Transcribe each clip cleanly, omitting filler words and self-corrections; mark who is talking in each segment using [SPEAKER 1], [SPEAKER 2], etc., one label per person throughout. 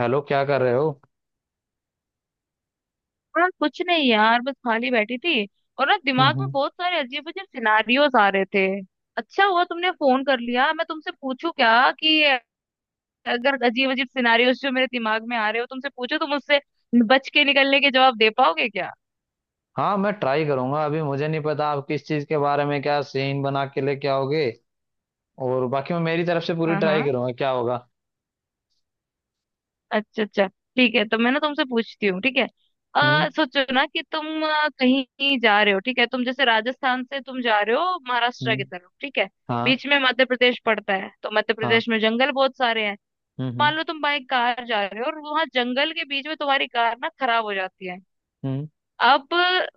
[SPEAKER 1] Hello, क्या कर रहे हो?
[SPEAKER 2] हाँ, कुछ नहीं यार, बस खाली बैठी थी। और ना,
[SPEAKER 1] हम्म
[SPEAKER 2] दिमाग में
[SPEAKER 1] हम्म।
[SPEAKER 2] बहुत सारे अजीब अजीब सिनारियोज आ रहे थे। अच्छा हुआ तुमने फोन कर लिया। मैं तुमसे पूछूं क्या कि अगर अजीब अजीब सिनारियोज जो मेरे दिमाग में आ रहे हो तुमसे पूछो, तुम उससे बच के निकलने के जवाब दे पाओगे क्या?
[SPEAKER 1] हाँ, मैं ट्राई करूंगा, अभी मुझे नहीं पता आप किस चीज के बारे में क्या सीन बना के लेके आओगे। और बाकी मैं मेरी तरफ से पूरी
[SPEAKER 2] हाँ हाँ।
[SPEAKER 1] ट्राई करूंगा, क्या होगा।
[SPEAKER 2] अच्छा अच्छा। ठीक है, तो मैं ना तुमसे पूछती हूँ। ठीक है।
[SPEAKER 1] हम्म
[SPEAKER 2] सोचो ना कि तुम कहीं जा रहे हो। ठीक है, तुम जैसे राजस्थान से तुम जा रहे हो महाराष्ट्र
[SPEAKER 1] हम्म।
[SPEAKER 2] की तरफ। ठीक है।
[SPEAKER 1] हाँ
[SPEAKER 2] बीच में मध्य प्रदेश पड़ता है, तो मध्य
[SPEAKER 1] हाँ।
[SPEAKER 2] प्रदेश में जंगल बहुत सारे हैं।
[SPEAKER 1] हम्म हम्म
[SPEAKER 2] मान लो तुम बाइक कार जा रहे हो और वहां जंगल के बीच में तुम्हारी कार ना खराब हो जाती है।
[SPEAKER 1] हम्म
[SPEAKER 2] अब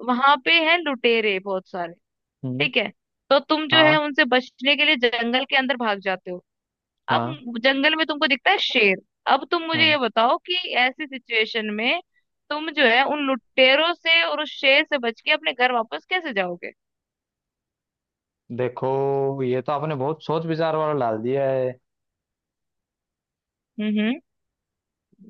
[SPEAKER 2] वहां पे है लुटेरे बहुत सारे।
[SPEAKER 1] हम्म।
[SPEAKER 2] ठीक है। तो तुम जो है
[SPEAKER 1] हाँ
[SPEAKER 2] उनसे बचने के लिए जंगल के अंदर भाग जाते हो।
[SPEAKER 1] हाँ
[SPEAKER 2] अब जंगल में तुमको दिखता है शेर। अब तुम मुझे
[SPEAKER 1] हाँ।
[SPEAKER 2] ये बताओ कि ऐसी सिचुएशन में तुम जो है उन लुटेरों से और उस शेर से बच के अपने घर वापस कैसे जाओगे?
[SPEAKER 1] देखो, ये तो आपने बहुत सोच विचार वाला डाल दिया है।
[SPEAKER 2] हम्म।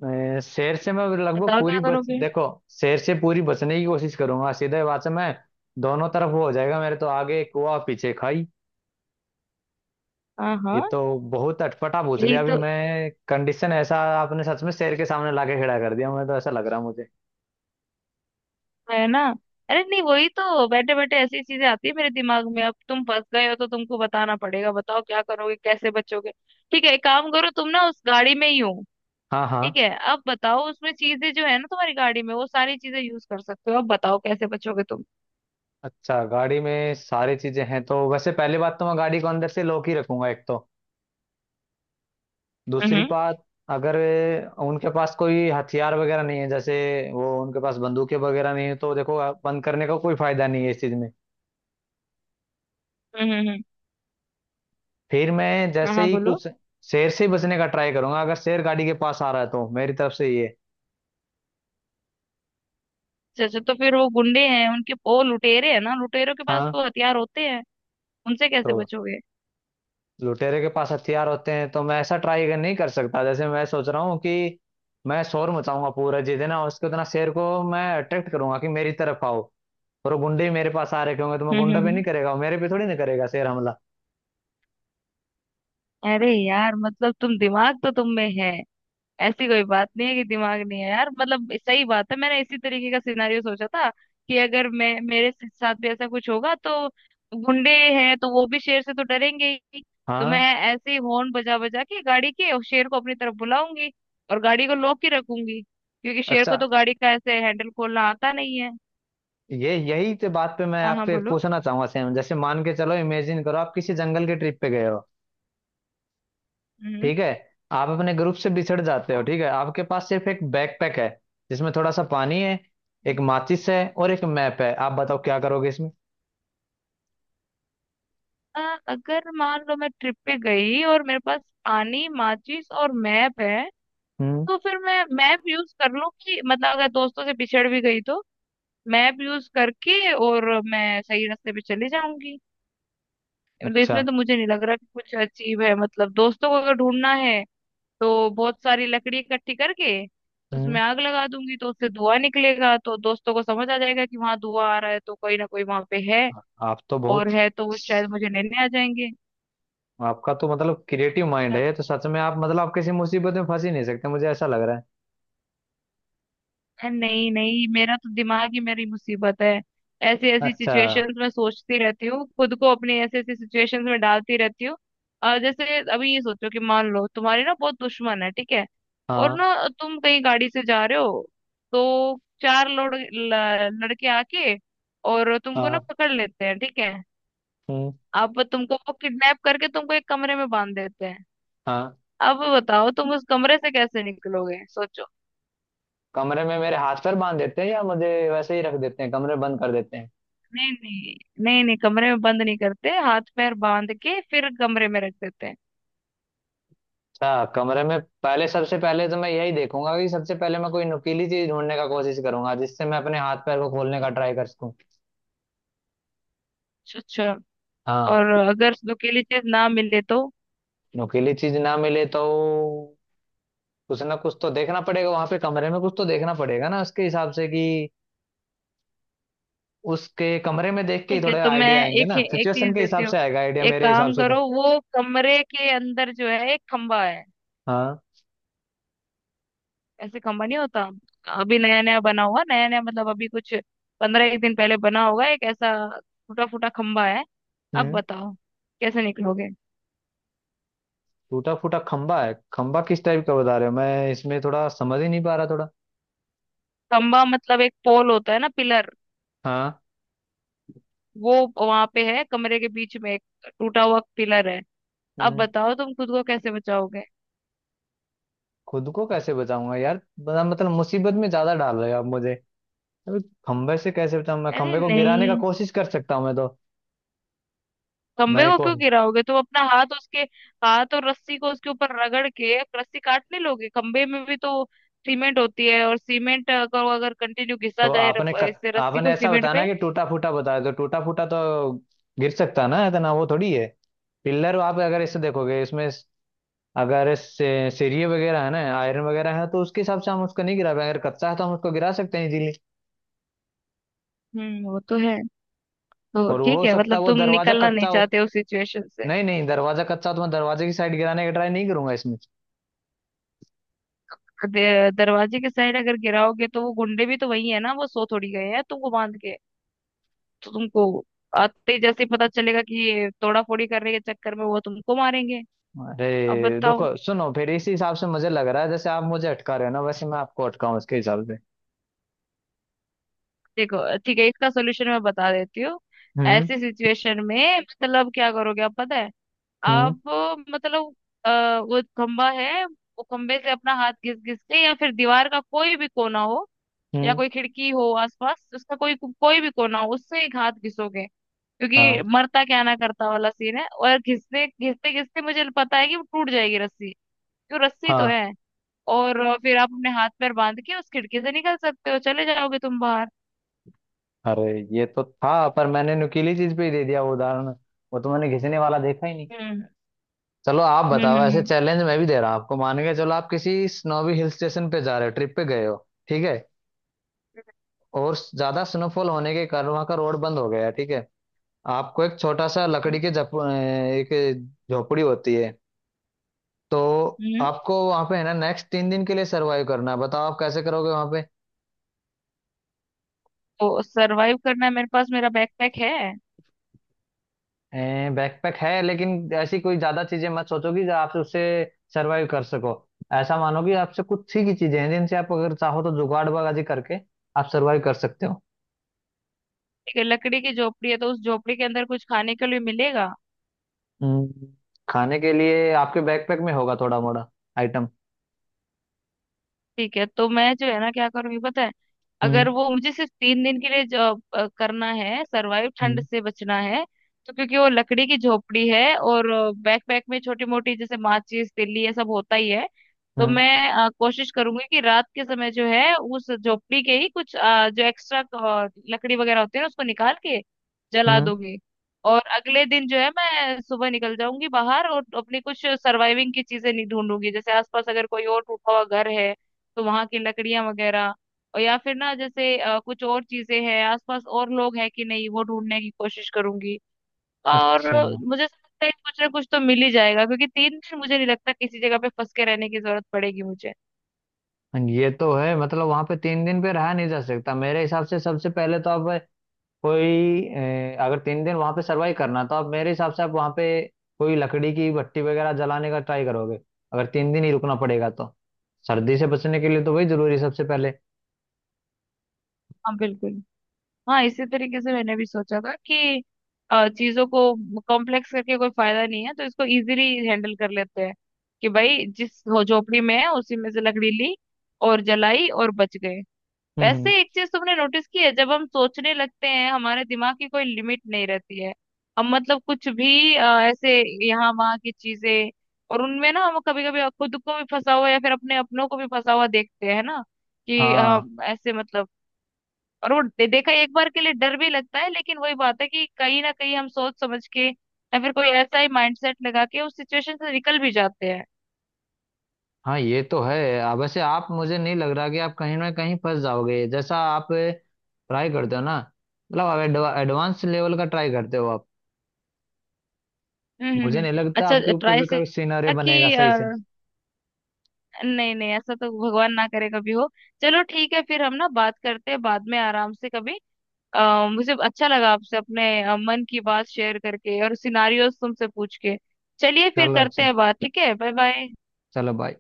[SPEAKER 1] शेर से मैं लगभग
[SPEAKER 2] बताओ
[SPEAKER 1] पूरी
[SPEAKER 2] क्या
[SPEAKER 1] बच,
[SPEAKER 2] करोगे।
[SPEAKER 1] देखो। शेर से पूरी बचने की कोशिश करूंगा, सीधे बात से मैं। दोनों तरफ वो हो जाएगा मेरे, तो आगे कुआ पीछे खाई।
[SPEAKER 2] हाँ
[SPEAKER 1] ये
[SPEAKER 2] हाँ।
[SPEAKER 1] तो बहुत अटपटा पूछ
[SPEAKER 2] यही
[SPEAKER 1] लिया अभी।
[SPEAKER 2] तो
[SPEAKER 1] मैं कंडीशन ऐसा आपने सच में शेर के सामने लाके खड़ा कर दिया, मैं तो ऐसा लग रहा मुझे।
[SPEAKER 2] है ना। अरे नहीं, वही तो बैठे बैठे ऐसी चीजें आती है मेरे दिमाग में। अब तुम फंस गए हो तो तुमको बताना पड़ेगा। बताओ क्या करोगे, कैसे बचोगे। ठीक है, एक काम करो, तुम ना उस गाड़ी में ही हो।
[SPEAKER 1] हाँ हाँ।
[SPEAKER 2] ठीक है, अब बताओ उसमें चीजें जो है ना, तुम्हारी गाड़ी में वो सारी चीजें यूज कर सकते हो। अब बताओ कैसे बचोगे तुम।
[SPEAKER 1] अच्छा, गाड़ी में सारी चीजें हैं तो वैसे पहली बात तो मैं गाड़ी को अंदर से लॉक ही रखूंगा, एक तो। दूसरी
[SPEAKER 2] हम्म
[SPEAKER 1] बात, अगर उनके पास कोई हथियार वगैरह नहीं है, जैसे वो उनके पास बंदूकें वगैरह नहीं है, तो देखो, बंद करने का कोई फायदा नहीं है इस चीज में।
[SPEAKER 2] हम्म। हम्म। हम्म।
[SPEAKER 1] फिर मैं
[SPEAKER 2] हाँ
[SPEAKER 1] जैसे
[SPEAKER 2] हाँ,
[SPEAKER 1] ही
[SPEAKER 2] बोलो।
[SPEAKER 1] कुछ शेर से ही बचने का ट्राई करूंगा। अगर शेर गाड़ी के पास आ रहा है तो मेरी तरफ से ये।
[SPEAKER 2] अच्छा अच्छा, तो फिर वो गुंडे हैं उनके, वो लुटेरे हैं ना, लुटेरों के पास
[SPEAKER 1] हाँ।
[SPEAKER 2] तो हथियार होते हैं। उनसे कैसे
[SPEAKER 1] तो
[SPEAKER 2] बचोगे?
[SPEAKER 1] लुटेरे के पास हथियार होते हैं तो मैं ऐसा ट्राई नहीं कर सकता। जैसे मैं सोच रहा हूँ कि मैं शोर मचाऊंगा पूरा, जितना हो सके उतना शेर को मैं अट्रैक्ट करूंगा कि मेरी तरफ आओ, और वो गुंडे ही मेरे पास आ रखे होंगे तो मैं
[SPEAKER 2] हम्म
[SPEAKER 1] गुंडा
[SPEAKER 2] हम्म
[SPEAKER 1] पे नहीं
[SPEAKER 2] हम्म।
[SPEAKER 1] करेगा, वो मेरे पे थोड़ी ना करेगा शेर हमला।
[SPEAKER 2] अरे यार, मतलब तुम, दिमाग तो तुम में है। ऐसी कोई बात नहीं है कि दिमाग नहीं है। यार मतलब सही बात है। मैंने इसी तरीके का सिनारियो सोचा था कि अगर मैं, मेरे साथ भी ऐसा कुछ होगा तो गुंडे हैं तो वो भी शेर से तो डरेंगे ही। तो मैं
[SPEAKER 1] हाँ।
[SPEAKER 2] ऐसे ही हॉर्न बजा बजा के गाड़ी के और शेर को अपनी तरफ बुलाऊंगी। और गाड़ी को लॉक ही रखूंगी क्योंकि शेर को
[SPEAKER 1] अच्छा,
[SPEAKER 2] तो गाड़ी का ऐसे हैंडल खोलना आता नहीं है।
[SPEAKER 1] ये यही तो बात पे मैं
[SPEAKER 2] हाँ हाँ,
[SPEAKER 1] आपसे एक
[SPEAKER 2] बोलो।
[SPEAKER 1] पूछना चाहूंगा। सेम, जैसे मान के चलो, इमेजिन करो आप किसी जंगल के ट्रिप पे गए हो।
[SPEAKER 2] हम्म।
[SPEAKER 1] ठीक है, आप अपने ग्रुप से बिछड़ जाते हो।
[SPEAKER 2] हाँ।
[SPEAKER 1] ठीक है, आपके पास सिर्फ एक बैकपैक है जिसमें थोड़ा सा पानी है, एक माचिस है और एक मैप है। आप बताओ क्या करोगे इसमें।
[SPEAKER 2] अगर मान लो मैं ट्रिप पे गई और मेरे पास पानी, माचिस और मैप है,
[SPEAKER 1] हम्म।
[SPEAKER 2] तो फिर मैं मैप यूज कर लूँ कि मतलब अगर दोस्तों से पिछड़ भी गई तो मैप यूज करके और मैं सही रास्ते पे चली जाऊंगी। मतलब
[SPEAKER 1] अच्छा।
[SPEAKER 2] इसमें तो मुझे नहीं लग रहा कि कुछ अचीव है। मतलब दोस्तों को अगर ढूंढना है तो बहुत सारी लकड़ी इकट्ठी करके
[SPEAKER 1] हम्म।
[SPEAKER 2] उसमें आग लगा दूंगी, तो उससे धुआं निकलेगा, तो दोस्तों को समझ आ जाएगा कि वहां धुआं आ रहा है तो कोई ना कोई वहां पे है,
[SPEAKER 1] आप तो बहुत।
[SPEAKER 2] और है तो वो शायद मुझे लेने आ जाएंगे।
[SPEAKER 1] आपका तो मतलब क्रिएटिव माइंड है, तो सच में आप, मतलब आप किसी मुसीबत में फंस ही नहीं सकते, मुझे ऐसा लग रहा है।
[SPEAKER 2] नहीं नहीं, मेरा तो दिमाग ही मेरी मुसीबत है। ऐसी ऐसी
[SPEAKER 1] अच्छा।
[SPEAKER 2] सिचुएशंस में सोचती रहती हूँ, खुद को अपनी ऐसी ऐसी सिचुएशंस में डालती रहती हूँ। और जैसे अभी ये सोचो कि मान लो तुम्हारी ना बहुत दुश्मन है। ठीक है, और
[SPEAKER 1] हाँ
[SPEAKER 2] ना तुम कहीं गाड़ी से जा रहे हो तो चार लोग लड़के आके और तुमको ना
[SPEAKER 1] हाँ।
[SPEAKER 2] पकड़ लेते हैं। ठीक है,
[SPEAKER 1] हम्म।
[SPEAKER 2] अब तुमको वो किडनैप करके तुमको एक कमरे में बांध देते हैं।
[SPEAKER 1] हाँ।
[SPEAKER 2] अब बताओ तुम उस कमरे से कैसे निकलोगे, सोचो।
[SPEAKER 1] कमरे में मेरे हाथ पर बांध देते हैं या मुझे वैसे ही रख देते हैं, कमरे बंद कर देते हैं?
[SPEAKER 2] नहीं नहीं। नहीं नहीं, कमरे में बंद नहीं करते, हाथ पैर बांध के फिर कमरे में रख देते हैं।
[SPEAKER 1] अच्छा, कमरे में पहले, सबसे पहले तो मैं यही देखूंगा कि सबसे पहले मैं कोई नुकीली चीज ढूंढने का कोशिश करूंगा, जिससे मैं अपने हाथ पैर को खोलने का ट्राई कर सकूं।
[SPEAKER 2] अच्छा।
[SPEAKER 1] हाँ।
[SPEAKER 2] और अगर नुकीली चीज ना मिले तो?
[SPEAKER 1] नुकीली चीज ना मिले तो कुछ ना कुछ तो देखना पड़ेगा वहां पे। कमरे में कुछ तो देखना पड़ेगा ना उसके हिसाब से, कि उसके कमरे में देख के ही
[SPEAKER 2] ठीक है,
[SPEAKER 1] थोड़े
[SPEAKER 2] तो मैं
[SPEAKER 1] आइडिया आएंगे
[SPEAKER 2] एक
[SPEAKER 1] ना,
[SPEAKER 2] एक चीज
[SPEAKER 1] सिचुएशन के
[SPEAKER 2] देती
[SPEAKER 1] हिसाब
[SPEAKER 2] हूँ।
[SPEAKER 1] से आएगा आइडिया
[SPEAKER 2] एक
[SPEAKER 1] मेरे हिसाब
[SPEAKER 2] काम
[SPEAKER 1] से तो।
[SPEAKER 2] करो, वो कमरे के अंदर जो है एक खंबा है।
[SPEAKER 1] हाँ।
[SPEAKER 2] ऐसे खंबा नहीं होता, अभी नया नया बना हुआ। नया नया मतलब अभी कुछ 15 एक दिन पहले बना होगा। एक ऐसा टूटा फूटा खंबा है। अब
[SPEAKER 1] हम्म।
[SPEAKER 2] बताओ कैसे निकलोगे।
[SPEAKER 1] टूटा फूटा खंबा है, खंबा किस टाइप का बता रहे हो? मैं इसमें थोड़ा समझ ही नहीं पा रहा थोड़ा।
[SPEAKER 2] खंबा मतलब एक पोल होता है ना, पिलर।
[SPEAKER 1] हाँ।
[SPEAKER 2] वो वहां पे है कमरे के बीच में एक टूटा हुआ पिलर है। अब
[SPEAKER 1] हम्म।
[SPEAKER 2] बताओ तुम खुद को कैसे बचाओगे।
[SPEAKER 1] खुद को कैसे बचाऊंगा यार, बड़ा मतलब मुसीबत में ज्यादा डाल रहे हो आप मुझे। अबे, खंबे से कैसे बचाऊं? मैं
[SPEAKER 2] अरे
[SPEAKER 1] खंबे को गिराने का
[SPEAKER 2] नहीं,
[SPEAKER 1] कोशिश कर सकता हूँ मैं तो।
[SPEAKER 2] खंबे
[SPEAKER 1] मैं
[SPEAKER 2] को
[SPEAKER 1] को
[SPEAKER 2] क्यों गिराओगे? तुम अपना हाथ उसके, हाथ और रस्सी को उसके ऊपर रगड़ के रस्सी काट नहीं लोगे? खंबे में भी तो सीमेंट होती है और सीमेंट को अगर कंटिन्यू घिसा
[SPEAKER 1] तो
[SPEAKER 2] जाए
[SPEAKER 1] आपने
[SPEAKER 2] इससे रस्सी
[SPEAKER 1] आपने
[SPEAKER 2] को
[SPEAKER 1] ऐसा
[SPEAKER 2] सीमेंट
[SPEAKER 1] बताना
[SPEAKER 2] पे।
[SPEAKER 1] कि टूटा फूटा बताया, तो टूटा फूटा तो गिर सकता ना, इतना वो थोड़ी है पिलर। आप अगर इसे देखोगे, इसमें अगर सीढ़ी वगैरह है ना, आयरन वगैरह है, तो उसके हिसाब से हम उसको नहीं गिरा पाएंगे। अगर कच्चा है तो हम उसको गिरा सकते हैं इजीली।
[SPEAKER 2] हम्म, वो तो है। तो
[SPEAKER 1] और वो
[SPEAKER 2] ठीक
[SPEAKER 1] हो
[SPEAKER 2] है,
[SPEAKER 1] सकता है
[SPEAKER 2] मतलब
[SPEAKER 1] वो
[SPEAKER 2] तुम
[SPEAKER 1] दरवाजा
[SPEAKER 2] निकलना
[SPEAKER 1] कच्चा
[SPEAKER 2] नहीं
[SPEAKER 1] हो।
[SPEAKER 2] चाहते उस सिचुएशन से।
[SPEAKER 1] नहीं नहीं, दरवाजा कच्चा हो तो मैं दरवाजे की साइड गिराने का ट्राई नहीं करूंगा इसमें।
[SPEAKER 2] दरवाजे के साइड अगर गिराओगे तो वो गुंडे भी तो वही है ना, वो सो थोड़ी गए हैं तुमको बांध के। तो तुमको आते ही जैसे ही पता चलेगा कि ये तोड़ा फोड़ी करने के चक्कर में, वो तुमको मारेंगे।
[SPEAKER 1] अरे
[SPEAKER 2] अब
[SPEAKER 1] देखो,
[SPEAKER 2] बताओ।
[SPEAKER 1] सुनो, फिर इसी हिसाब से मुझे लग रहा है, जैसे आप मुझे अटका रहे हो ना, वैसे मैं आपको अटकाऊं इसके हिसाब से।
[SPEAKER 2] देखो ठीक है, इसका सोल्यूशन मैं बता देती हूँ।
[SPEAKER 1] हम्म
[SPEAKER 2] ऐसी सिचुएशन में मतलब क्या करोगे आप, पता है।
[SPEAKER 1] हम्म
[SPEAKER 2] आप मतलब, अ, वो खंबा है, वो खंबे से अपना हाथ घिस घिस के या फिर दीवार का कोई भी कोना हो या
[SPEAKER 1] हम्म।
[SPEAKER 2] कोई खिड़की हो आसपास, उसका कोई कोई भी कोना हो, उससे एक हाथ घिसोगे। क्योंकि
[SPEAKER 1] हाँ
[SPEAKER 2] मरता क्या ना करता वाला सीन है, और घिसने घिसते घिसते मुझे पता है कि वो टूट जाएगी रस्सी। क्यों, रस्सी तो
[SPEAKER 1] हाँ।
[SPEAKER 2] है। और फिर आप अपने हाथ पैर बांध के उस खिड़की से निकल सकते हो, चले जाओगे तुम बाहर।
[SPEAKER 1] अरे, ये तो था पर मैंने नुकीली चीज पे ही दे दिया वो उदाहरण। वो तो मैंने घिसने वाला देखा ही नहीं।
[SPEAKER 2] हम्म
[SPEAKER 1] चलो, आप
[SPEAKER 2] हम्म
[SPEAKER 1] बताओ, ऐसे
[SPEAKER 2] हम्म
[SPEAKER 1] चैलेंज मैं भी दे रहा हूं आपको। मान के चलो आप किसी स्नोवी हिल स्टेशन पे जा रहे हो, ट्रिप पे गए हो। ठीक है, और ज्यादा स्नोफॉल होने के कारण वहां का रोड बंद हो गया है, ठीक है। आपको एक छोटा सा लकड़ी
[SPEAKER 2] हम्म
[SPEAKER 1] के एक झोपड़ी होती है तो,
[SPEAKER 2] हम्म, हम्म।
[SPEAKER 1] आपको वहां पे है ना, नेक्स्ट 3 दिन के लिए सरवाइव करना है। बताओ आप कैसे करोगे वहां पे।
[SPEAKER 2] तो सरवाइव करना है, मेरे पास मेरा बैकपैक है।
[SPEAKER 1] बैकपैक है, लेकिन ऐसी कोई ज्यादा चीजें मत सोचो कि आप उससे सरवाइव कर सको। ऐसा मानो कि आपसे कुछ ही की चीजें हैं, जिनसे आप अगर चाहो तो जुगाड़ बाजी करके आप सरवाइव कर सकते हो।
[SPEAKER 2] ठीक है, लकड़ी की झोपड़ी है तो उस झोपड़ी के अंदर कुछ खाने के लिए मिलेगा?
[SPEAKER 1] हम्म, खाने के लिए आपके बैकपैक में होगा थोड़ा मोड़ा आइटम।
[SPEAKER 2] ठीक है, तो मैं जो है ना क्या करूंगी पता है।
[SPEAKER 1] हम्म
[SPEAKER 2] अगर वो मुझे सिर्फ 3 दिन के लिए जो करना है सरवाइव, ठंड
[SPEAKER 1] हम्म
[SPEAKER 2] से बचना है, तो क्योंकि वो लकड़ी की झोपड़ी है और बैक पैक में छोटी मोटी जैसे माचिस तिल्ली ये सब होता ही है, तो
[SPEAKER 1] हम्म
[SPEAKER 2] मैं कोशिश करूंगी कि रात के समय जो है उस झोपड़ी के ही कुछ जो एक्स्ट्रा लकड़ी वगैरह होती है ना, उसको निकाल के जला
[SPEAKER 1] हम्म।
[SPEAKER 2] दूंगी। और अगले दिन जो है मैं सुबह निकल जाऊंगी बाहर और अपनी कुछ सर्वाइविंग की चीजें नहीं ढूंढूंगी, जैसे आसपास अगर कोई और टूटा हुआ घर है तो वहां की लकड़ियां वगैरह, और या फिर ना जैसे कुछ और चीजें हैं आसपास और लोग हैं कि नहीं वो ढूंढने की कोशिश करूंगी। और
[SPEAKER 1] अच्छा,
[SPEAKER 2] मुझे ऐसा लगता है कुछ ना कुछ तो मिल ही जाएगा क्योंकि 3 दिन मुझे नहीं लगता किसी जगह पे फंस के रहने की जरूरत पड़ेगी मुझे।
[SPEAKER 1] ये तो है, मतलब वहां पे 3 दिन पे रहा नहीं जा सकता मेरे हिसाब से। सबसे पहले तो आप कोई, अगर 3 दिन वहां पे सरवाइव करना, तो आप मेरे हिसाब से, आप वहां पे कोई लकड़ी की भट्टी वगैरह जलाने का ट्राई करोगे। अगर तीन दिन ही रुकना पड़ेगा तो सर्दी से बचने के लिए तो वही जरूरी है सबसे पहले।
[SPEAKER 2] हाँ बिल्कुल। हाँ इसी तरीके से मैंने भी सोचा था कि चीजों को कॉम्प्लेक्स करके कोई फायदा नहीं है, तो इसको इजीली हैंडल कर लेते हैं कि भाई झोपड़ी में है उसी में से लकड़ी ली और जलाई और बच गए।
[SPEAKER 1] हम्म हम्म।
[SPEAKER 2] वैसे एक चीज तुमने नोटिस की है, जब हम सोचने लगते हैं हमारे दिमाग की कोई लिमिट नहीं रहती है। हम मतलब कुछ भी ऐसे यहाँ वहाँ की चीजें, और उनमें ना हम कभी कभी खुद को भी फंसा हुआ या फिर अपने अपनों को भी फंसा हुआ देखते हैं ना कि
[SPEAKER 1] हाँ
[SPEAKER 2] ऐसे मतलब। और वो देखा एक बार के लिए डर भी लगता है, लेकिन वही बात है कि कहीं ना कहीं हम सोच समझ के या फिर कोई ऐसा ही माइंडसेट लगा के उस सिचुएशन से निकल भी जाते हैं।
[SPEAKER 1] हाँ। ये तो है। वैसे आप, मुझे नहीं लग रहा कि आप कहीं ना कहीं फंस जाओगे, जैसा आप ट्राई करते हो ना। मतलब आप एडवांस लेवल का ट्राई करते हो आप।
[SPEAKER 2] हम्म हम्म
[SPEAKER 1] मुझे
[SPEAKER 2] हम्म।
[SPEAKER 1] नहीं लगता
[SPEAKER 2] अच्छा
[SPEAKER 1] आपके ऊपर
[SPEAKER 2] ट्राई
[SPEAKER 1] भी
[SPEAKER 2] से
[SPEAKER 1] कोई सिनेरियो
[SPEAKER 2] कि,
[SPEAKER 1] बनेगा सही से।
[SPEAKER 2] नहीं नहीं, ऐसा तो भगवान ना करे कभी हो। चलो ठीक है, फिर हम ना बात करते हैं बाद में आराम से कभी। मुझे अच्छा लगा आपसे अपने मन की बात शेयर करके और सिनारियोस तुमसे पूछ के। चलिए फिर
[SPEAKER 1] चलो
[SPEAKER 2] करते
[SPEAKER 1] अच्छी।
[SPEAKER 2] हैं बात। ठीक है, बाय बाय।
[SPEAKER 1] चलो, बाय।